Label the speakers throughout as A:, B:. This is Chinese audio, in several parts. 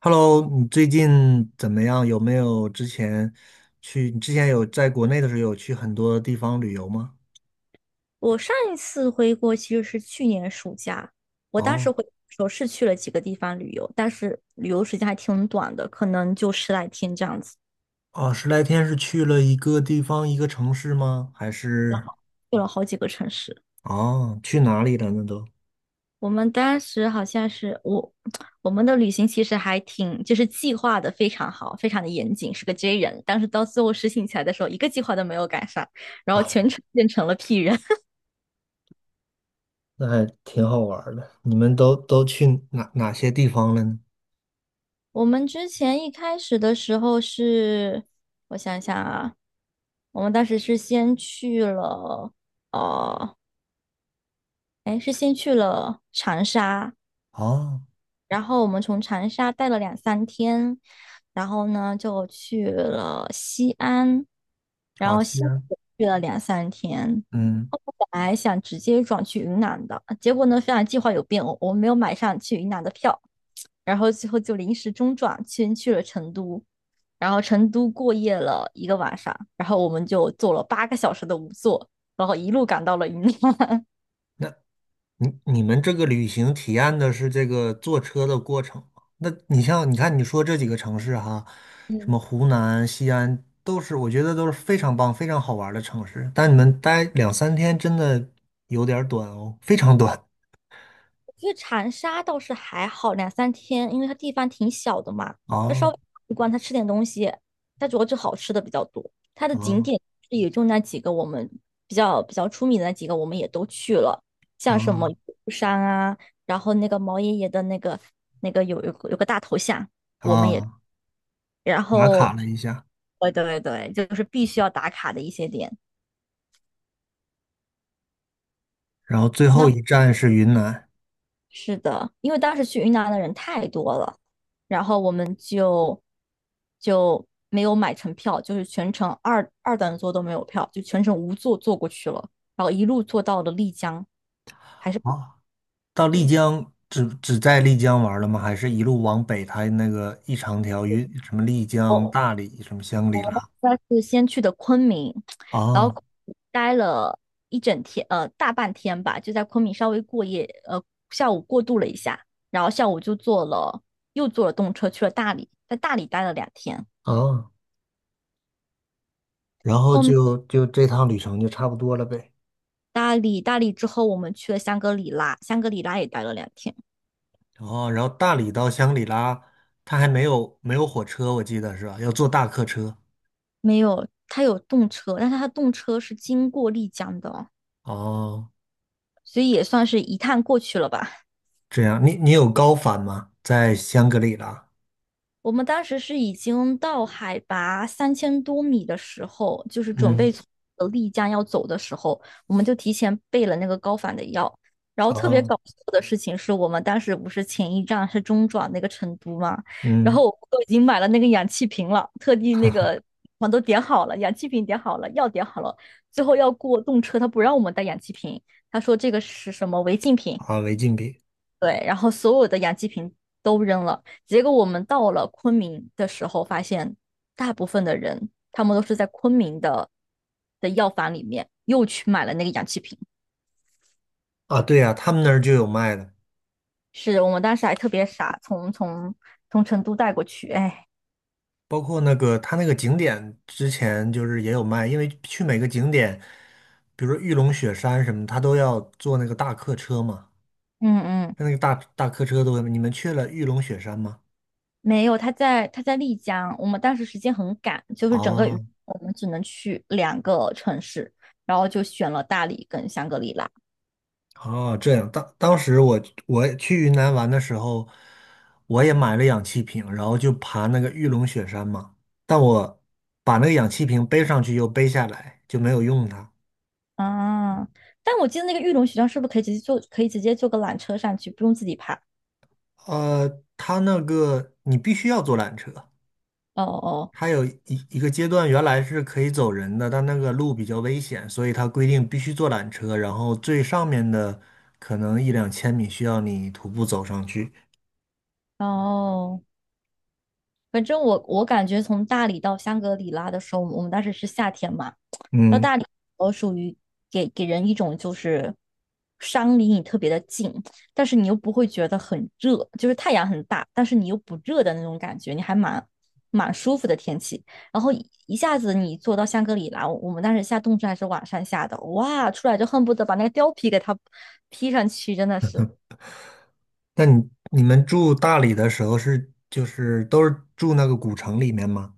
A: Hello，你最近怎么样？有没有之前去？你之前有在国内的时候有去很多地方旅游吗？
B: 我上一次回国其实是去年暑假，我当时
A: 哦。
B: 回国的时候是去了几个地方旅游，但是旅游时间还挺短的，可能就十来天这样子，
A: 哦，十来天是去了一个地方，一个城市吗？还是？
B: 去了好几个城市。
A: 哦，去哪里了，那都。
B: 我们当时好像是我，我们的旅行其实还挺，就是计划的非常好，非常的严谨，是个 J 人。但是到最后实行起来的时候，一个计划都没有赶上，然后
A: 哦，
B: 全程变成了 P 人。
A: 那还挺好玩儿的。你们都去哪些地方了呢？
B: 我们之前一开始的时候是，我想想啊，我们当时是先去了，呃，哎，是先去了长沙，
A: 哦，
B: 然后我们从长沙待了两三天，然后呢就去了西安，然
A: 好，
B: 后西
A: 西
B: 安
A: 安。
B: 也去了两三天。
A: 嗯。
B: 本来想直接转去云南的，结果呢，发现计划有变，我没有买上去云南的票，然后最后就临时中转，先去了成都，然后成都过夜了一个晚上，然后我们就坐了八个小时的午座，然后一路赶到了云南。
A: 那你们这个旅行体验的是这个坐车的过程吗？那你像你看你说这几个城市哈，什么 湖南、西安，都是我觉得都是非常棒、非常好玩儿的城市。但你们待两三天真的有点儿短哦，非常短。
B: 因为长沙倒是还好，两三天，因为它地方挺小的嘛，它稍
A: 啊
B: 微一逛，它吃点东西，它主要就好吃的比较多。它的景
A: 啊
B: 点也就那几个，我们比较出名的那几个，我们也都去了，像什么
A: 啊
B: 玉山啊，然后那个毛爷爷的那个那个有个大头像，我们也，
A: 啊！
B: 然
A: 打卡
B: 后，
A: 了一下。
B: 对对对，就是必须要打卡的一些点。
A: 然后最后
B: 那
A: 一站是云南。
B: 是的，因为当时去云南的人太多了，然后我们就就没有买成票，就是全程二等座都没有票，就全程无座坐过去了，然后一路坐到了丽江，还是
A: 啊，到丽
B: 对，
A: 江只在丽江玩儿了吗？还是一路往北，它那个一长条云什么丽江、大理、什么香格里拉？
B: 但是先去的昆明，然
A: 哦
B: 后待了一整天，大半天吧，就在昆明稍微过夜，下午过渡了一下，然后下午就坐了又坐了动车去了大理，在大理待了两天。
A: 哦。然后就这趟旅程就差不多了呗。
B: 大理，大理之后我们去了香格里拉，香格里拉也待了两天。
A: 哦，然后大理到香格里拉，它还没有火车，我记得是吧？要坐大客车。
B: 没有，它有动车，但是它动车是经过丽江的哦，
A: 哦，
B: 所以也算是一趟过去了吧。
A: 这样。你有高反吗？在香格里拉？
B: 我们当时是已经到海拔3000多米的时候，就是准备
A: 嗯。
B: 从丽江要走的时候，我们就提前备了那个高反的药。然后特别
A: 哦。
B: 搞笑的事情是我们当时不是前一站是中转那个成都嘛，然后
A: 嗯。
B: 我们都已经买了那个氧气瓶了，特地那个我都点好了，氧气瓶点好了，药点好了，最后要过动车，他不让我们带氧气瓶，他说这个是什么违禁品，
A: 啊，违禁品。
B: 对，然后所有的氧气瓶都扔了。结果我们到了昆明的时候，发现大部分的人他们都是在昆明的的药房里面又去买了那个氧气瓶。
A: 啊，对呀，他们那儿就有卖的。
B: 是我们当时还特别傻，从成都带过去。哎，
A: 包括那个他那个景点之前就是也有卖，因为去每个景点，比如说玉龙雪山什么，他都要坐那个大客车嘛。
B: 嗯嗯，
A: 那个大客车都，会，你们去了玉龙雪山吗？
B: 没有，他在丽江。我们当时时间很赶，就是整个雨
A: 哦
B: 我们只能去两个城市，然后就选了大理跟香格里拉。
A: 哦，这样。当时我去云南玩的时候，我也买了氧气瓶，然后就爬那个玉龙雪山嘛。但我把那个氧气瓶背上去又背下来，就没有用它。
B: 啊，但我记得那个玉龙雪山是不是可以直接坐，可以直接坐个缆车上去，不用自己爬？
A: 它那个你必须要坐缆车。
B: 哦哦
A: 它有一个阶段原来是可以走人的，但那个路比较危险，所以它规定必须坐缆车，然后最上面的可能一两千米需要你徒步走上去。
B: 哦，反正我感觉从大理到香格里拉的时候，我们当时是夏天嘛，到
A: 嗯。
B: 大理我属于给人一种就是山离你特别的近，但是你又不会觉得很热，就是太阳很大，但是你又不热的那种感觉，你还蛮舒服的天气。然后一下子你坐到香格里拉，我们当时下冻车还是晚上下的，哇，出来就恨不得把那个貂皮给它披上去，真的是。
A: 那你们住大理的时候是就是都是住那个古城里面吗？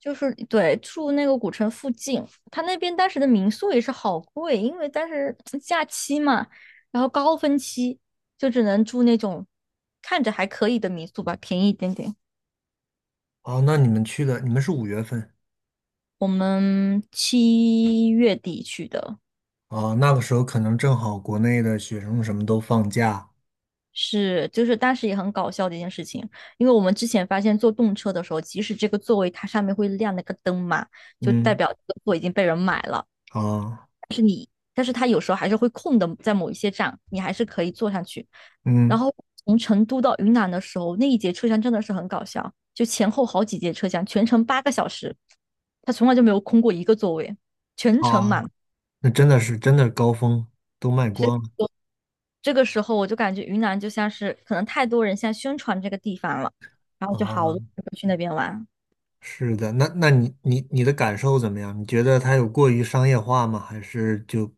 B: 就是对住那个古城附近，他那边当时的民宿也是好贵，因为当时嗯假期嘛，然后高峰期就只能住那种看着还可以的民宿吧，便宜一点点。
A: 哦，那你们去的你们是五月份？
B: 我们七月底去的
A: 啊？那个时候可能正好国内的学生什么都放假。
B: 是，就是当时也很搞笑的一件事情，因为我们之前发现坐动车的时候，即使这个座位它上面会亮那个灯嘛，就代
A: 嗯。
B: 表这个座已经被人买了。
A: 啊。
B: 但是它有时候还是会空的，在某一些站你还是可以坐上去。然
A: 嗯。
B: 后从成都到云南的时候，那一节车厢真的是很搞笑，就前后好几节车厢，全程八个小时，他从来就没有空过一个座位，全程
A: 啊，
B: 满。
A: 那真的是真的高峰都卖
B: 所以
A: 光了。
B: 这个时候我就感觉云南就像是可能太多人现在宣传这个地方了，然后就好
A: 啊！
B: 多人去那边玩。
A: 是的。那你的感受怎么样？你觉得它有过于商业化吗？还是就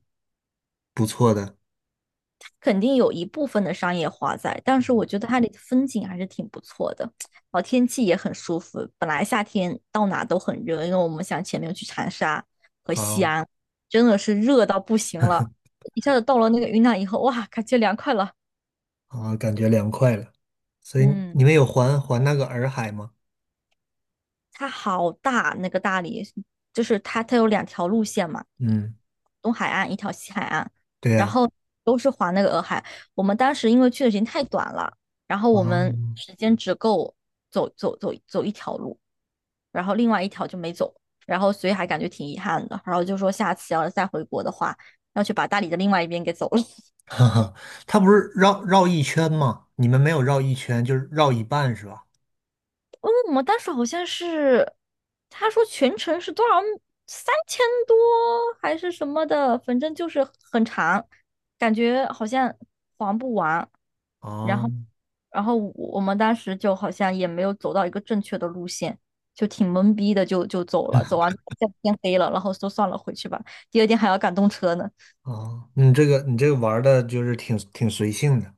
A: 不错的？
B: 肯定有一部分的商业化在，但是我觉得它的风景还是挺不错的，然后天气也很舒服。本来夏天到哪都很热，因为我们想前面去长沙和西
A: 啊、
B: 安，真的是热到不行了，一下子到了那个云南以后，哇，感觉凉快了。
A: 啊，感觉凉快了。所以你
B: 嗯。
A: 们有环那个洱海吗？
B: 它好大，那个大理就是它，它有两条路线嘛，
A: 嗯，
B: 东海岸一条西海岸，
A: 对
B: 然
A: 呀，
B: 后都是环那个洱海。我们当时因为去的时间太短了，然后
A: 啊。
B: 我们时间只够走一条路，然后另外一条就没走，然后所以还感觉挺遗憾的。然后就说下次要是再回国的话，要去把大理的另外一边给走了。
A: 哈哈，它不是绕一圈吗？你们没有绕一圈，就是绕一半是吧？
B: 嗯，我们当时好像是，他说全程是多少，三千多还是什么的，反正就是很长，感觉好像还不完。然
A: 啊
B: 后，然后我们当时就好像也没有走到一个正确的路线，就挺懵逼的就，就走了。走完就天黑了，然后说算了，回去吧。第二天还要赶动车呢。
A: 啊。你这个玩的就是挺随性的。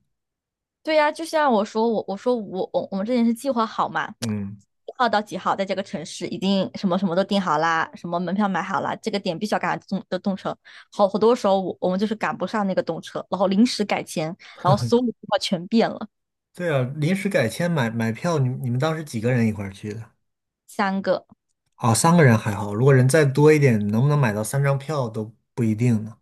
B: 对呀，就像我说，我说我我们之前是计划好嘛，
A: 嗯，
B: 几号到几号在这个城市，已经什么什么都订好啦，什么门票买好啦，这个点必须要赶上动的动车。好多时候我们就是赶不上那个动车，然后临时改签，然后所有的计划全变了。
A: 对啊，临时改签买票，你们当时几个人一块儿去的？
B: 三个，
A: 啊，三个人还好，如果人再多一点，能不能买到3张票都不一定呢。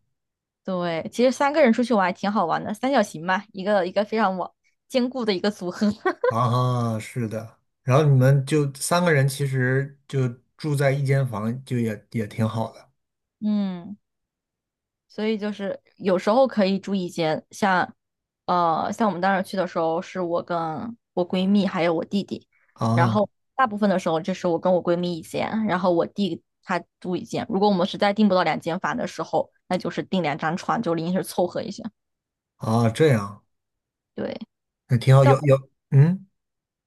B: 对，其实三个人出去玩还挺好玩的，三角形嘛，一个非常稳坚固的一个组合。
A: 啊，是的。然后你们就三个人，其实就住在一间房，就也挺好的。
B: 嗯。所以就是有时候可以住一间，像，像我们当时去的时候，是我跟我闺蜜还有我弟弟，然
A: 啊
B: 后大部分的时候就是我跟我闺蜜一间，然后我弟他住一间。如果我们实在订不到两间房的时候，那就是订两张床，就临时凑合一下。
A: 啊，这样。
B: 对，
A: 那挺好。
B: 但我
A: 有有嗯，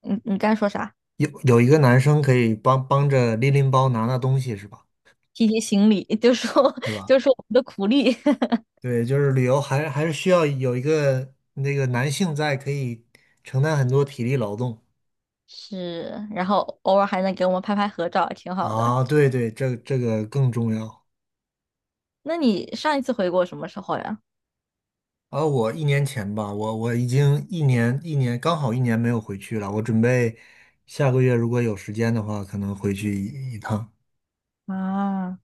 B: 你你刚才说啥？
A: 有有一个男生可以帮帮着拎拎包、拿拿东西，是吧？
B: 提行李，就说
A: 是 吧？
B: 就说我们的苦力。
A: 对，就是旅游还是需要有一个那个男性在，可以承担很多体力劳动。
B: 是，然后偶尔还能给我们拍拍合照，挺好的。
A: 啊。对对，这个更重要。
B: 那你上一次回国什么时候呀？
A: 啊，我1年前吧，我已经一年一年刚好一年没有回去了。我准备下个月如果有时间的话，可能回去一趟。
B: 啊。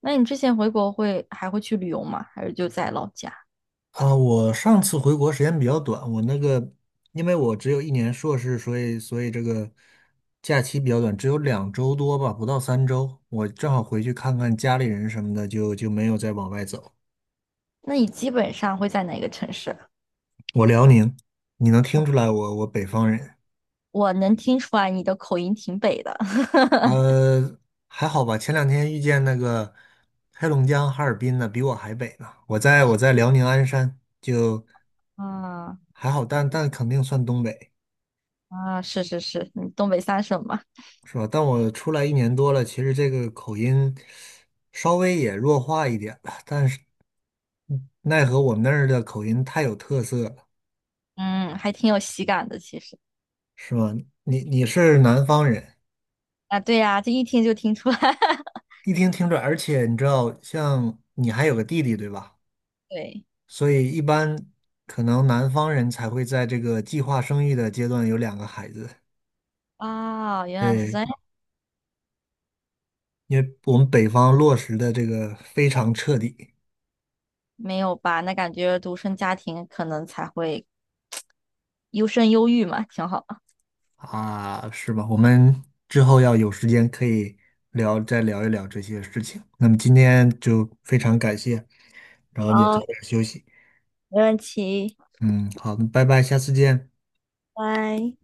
B: 那你之前回国会还会去旅游吗？还是就在老家？
A: 啊，我上次回国时间比较短，我那个因为我只有一年硕士，所以这个假期比较短，只有2周多吧，不到3周。我正好回去看看家里人什么的，就没有再往外走。
B: 那你基本上会在哪个城市？
A: 我辽宁，你能听出来我北方人。
B: 我能听出来你的口音挺北的。
A: 呃，还好吧。前两天遇见那个黑龙江哈尔滨的，比我还北呢。我在辽宁鞍山，就
B: 啊
A: 还好，但肯定算东北，
B: 啊，是是是，你东北三省嘛，
A: 是吧？但我出来一年多了，其实这个口音稍微也弱化一点了，但是奈何我们那儿的口音太有特色了，
B: 嗯，还挺有喜感的其实。
A: 是吧？你是南方人，
B: 啊，对呀，这一听就听出来。
A: 一听听着，而且你知道，像你还有个弟弟，对吧？
B: 对，
A: 所以一般可能南方人才会在这个计划生育的阶段有2个孩子。
B: 啊，原来是这
A: 对，
B: 样，
A: 因为我们北方落实的这个非常彻底。
B: 没有吧？那感觉独生家庭可能才会优生优育嘛，挺好的。
A: 啊，是吧？我们之后要有时间可以聊，再聊一聊这些事情。那么今天就非常感谢，然后也早
B: 好，
A: 点休息。
B: 没问题，
A: 嗯，好的，拜拜，下次见。
B: 拜。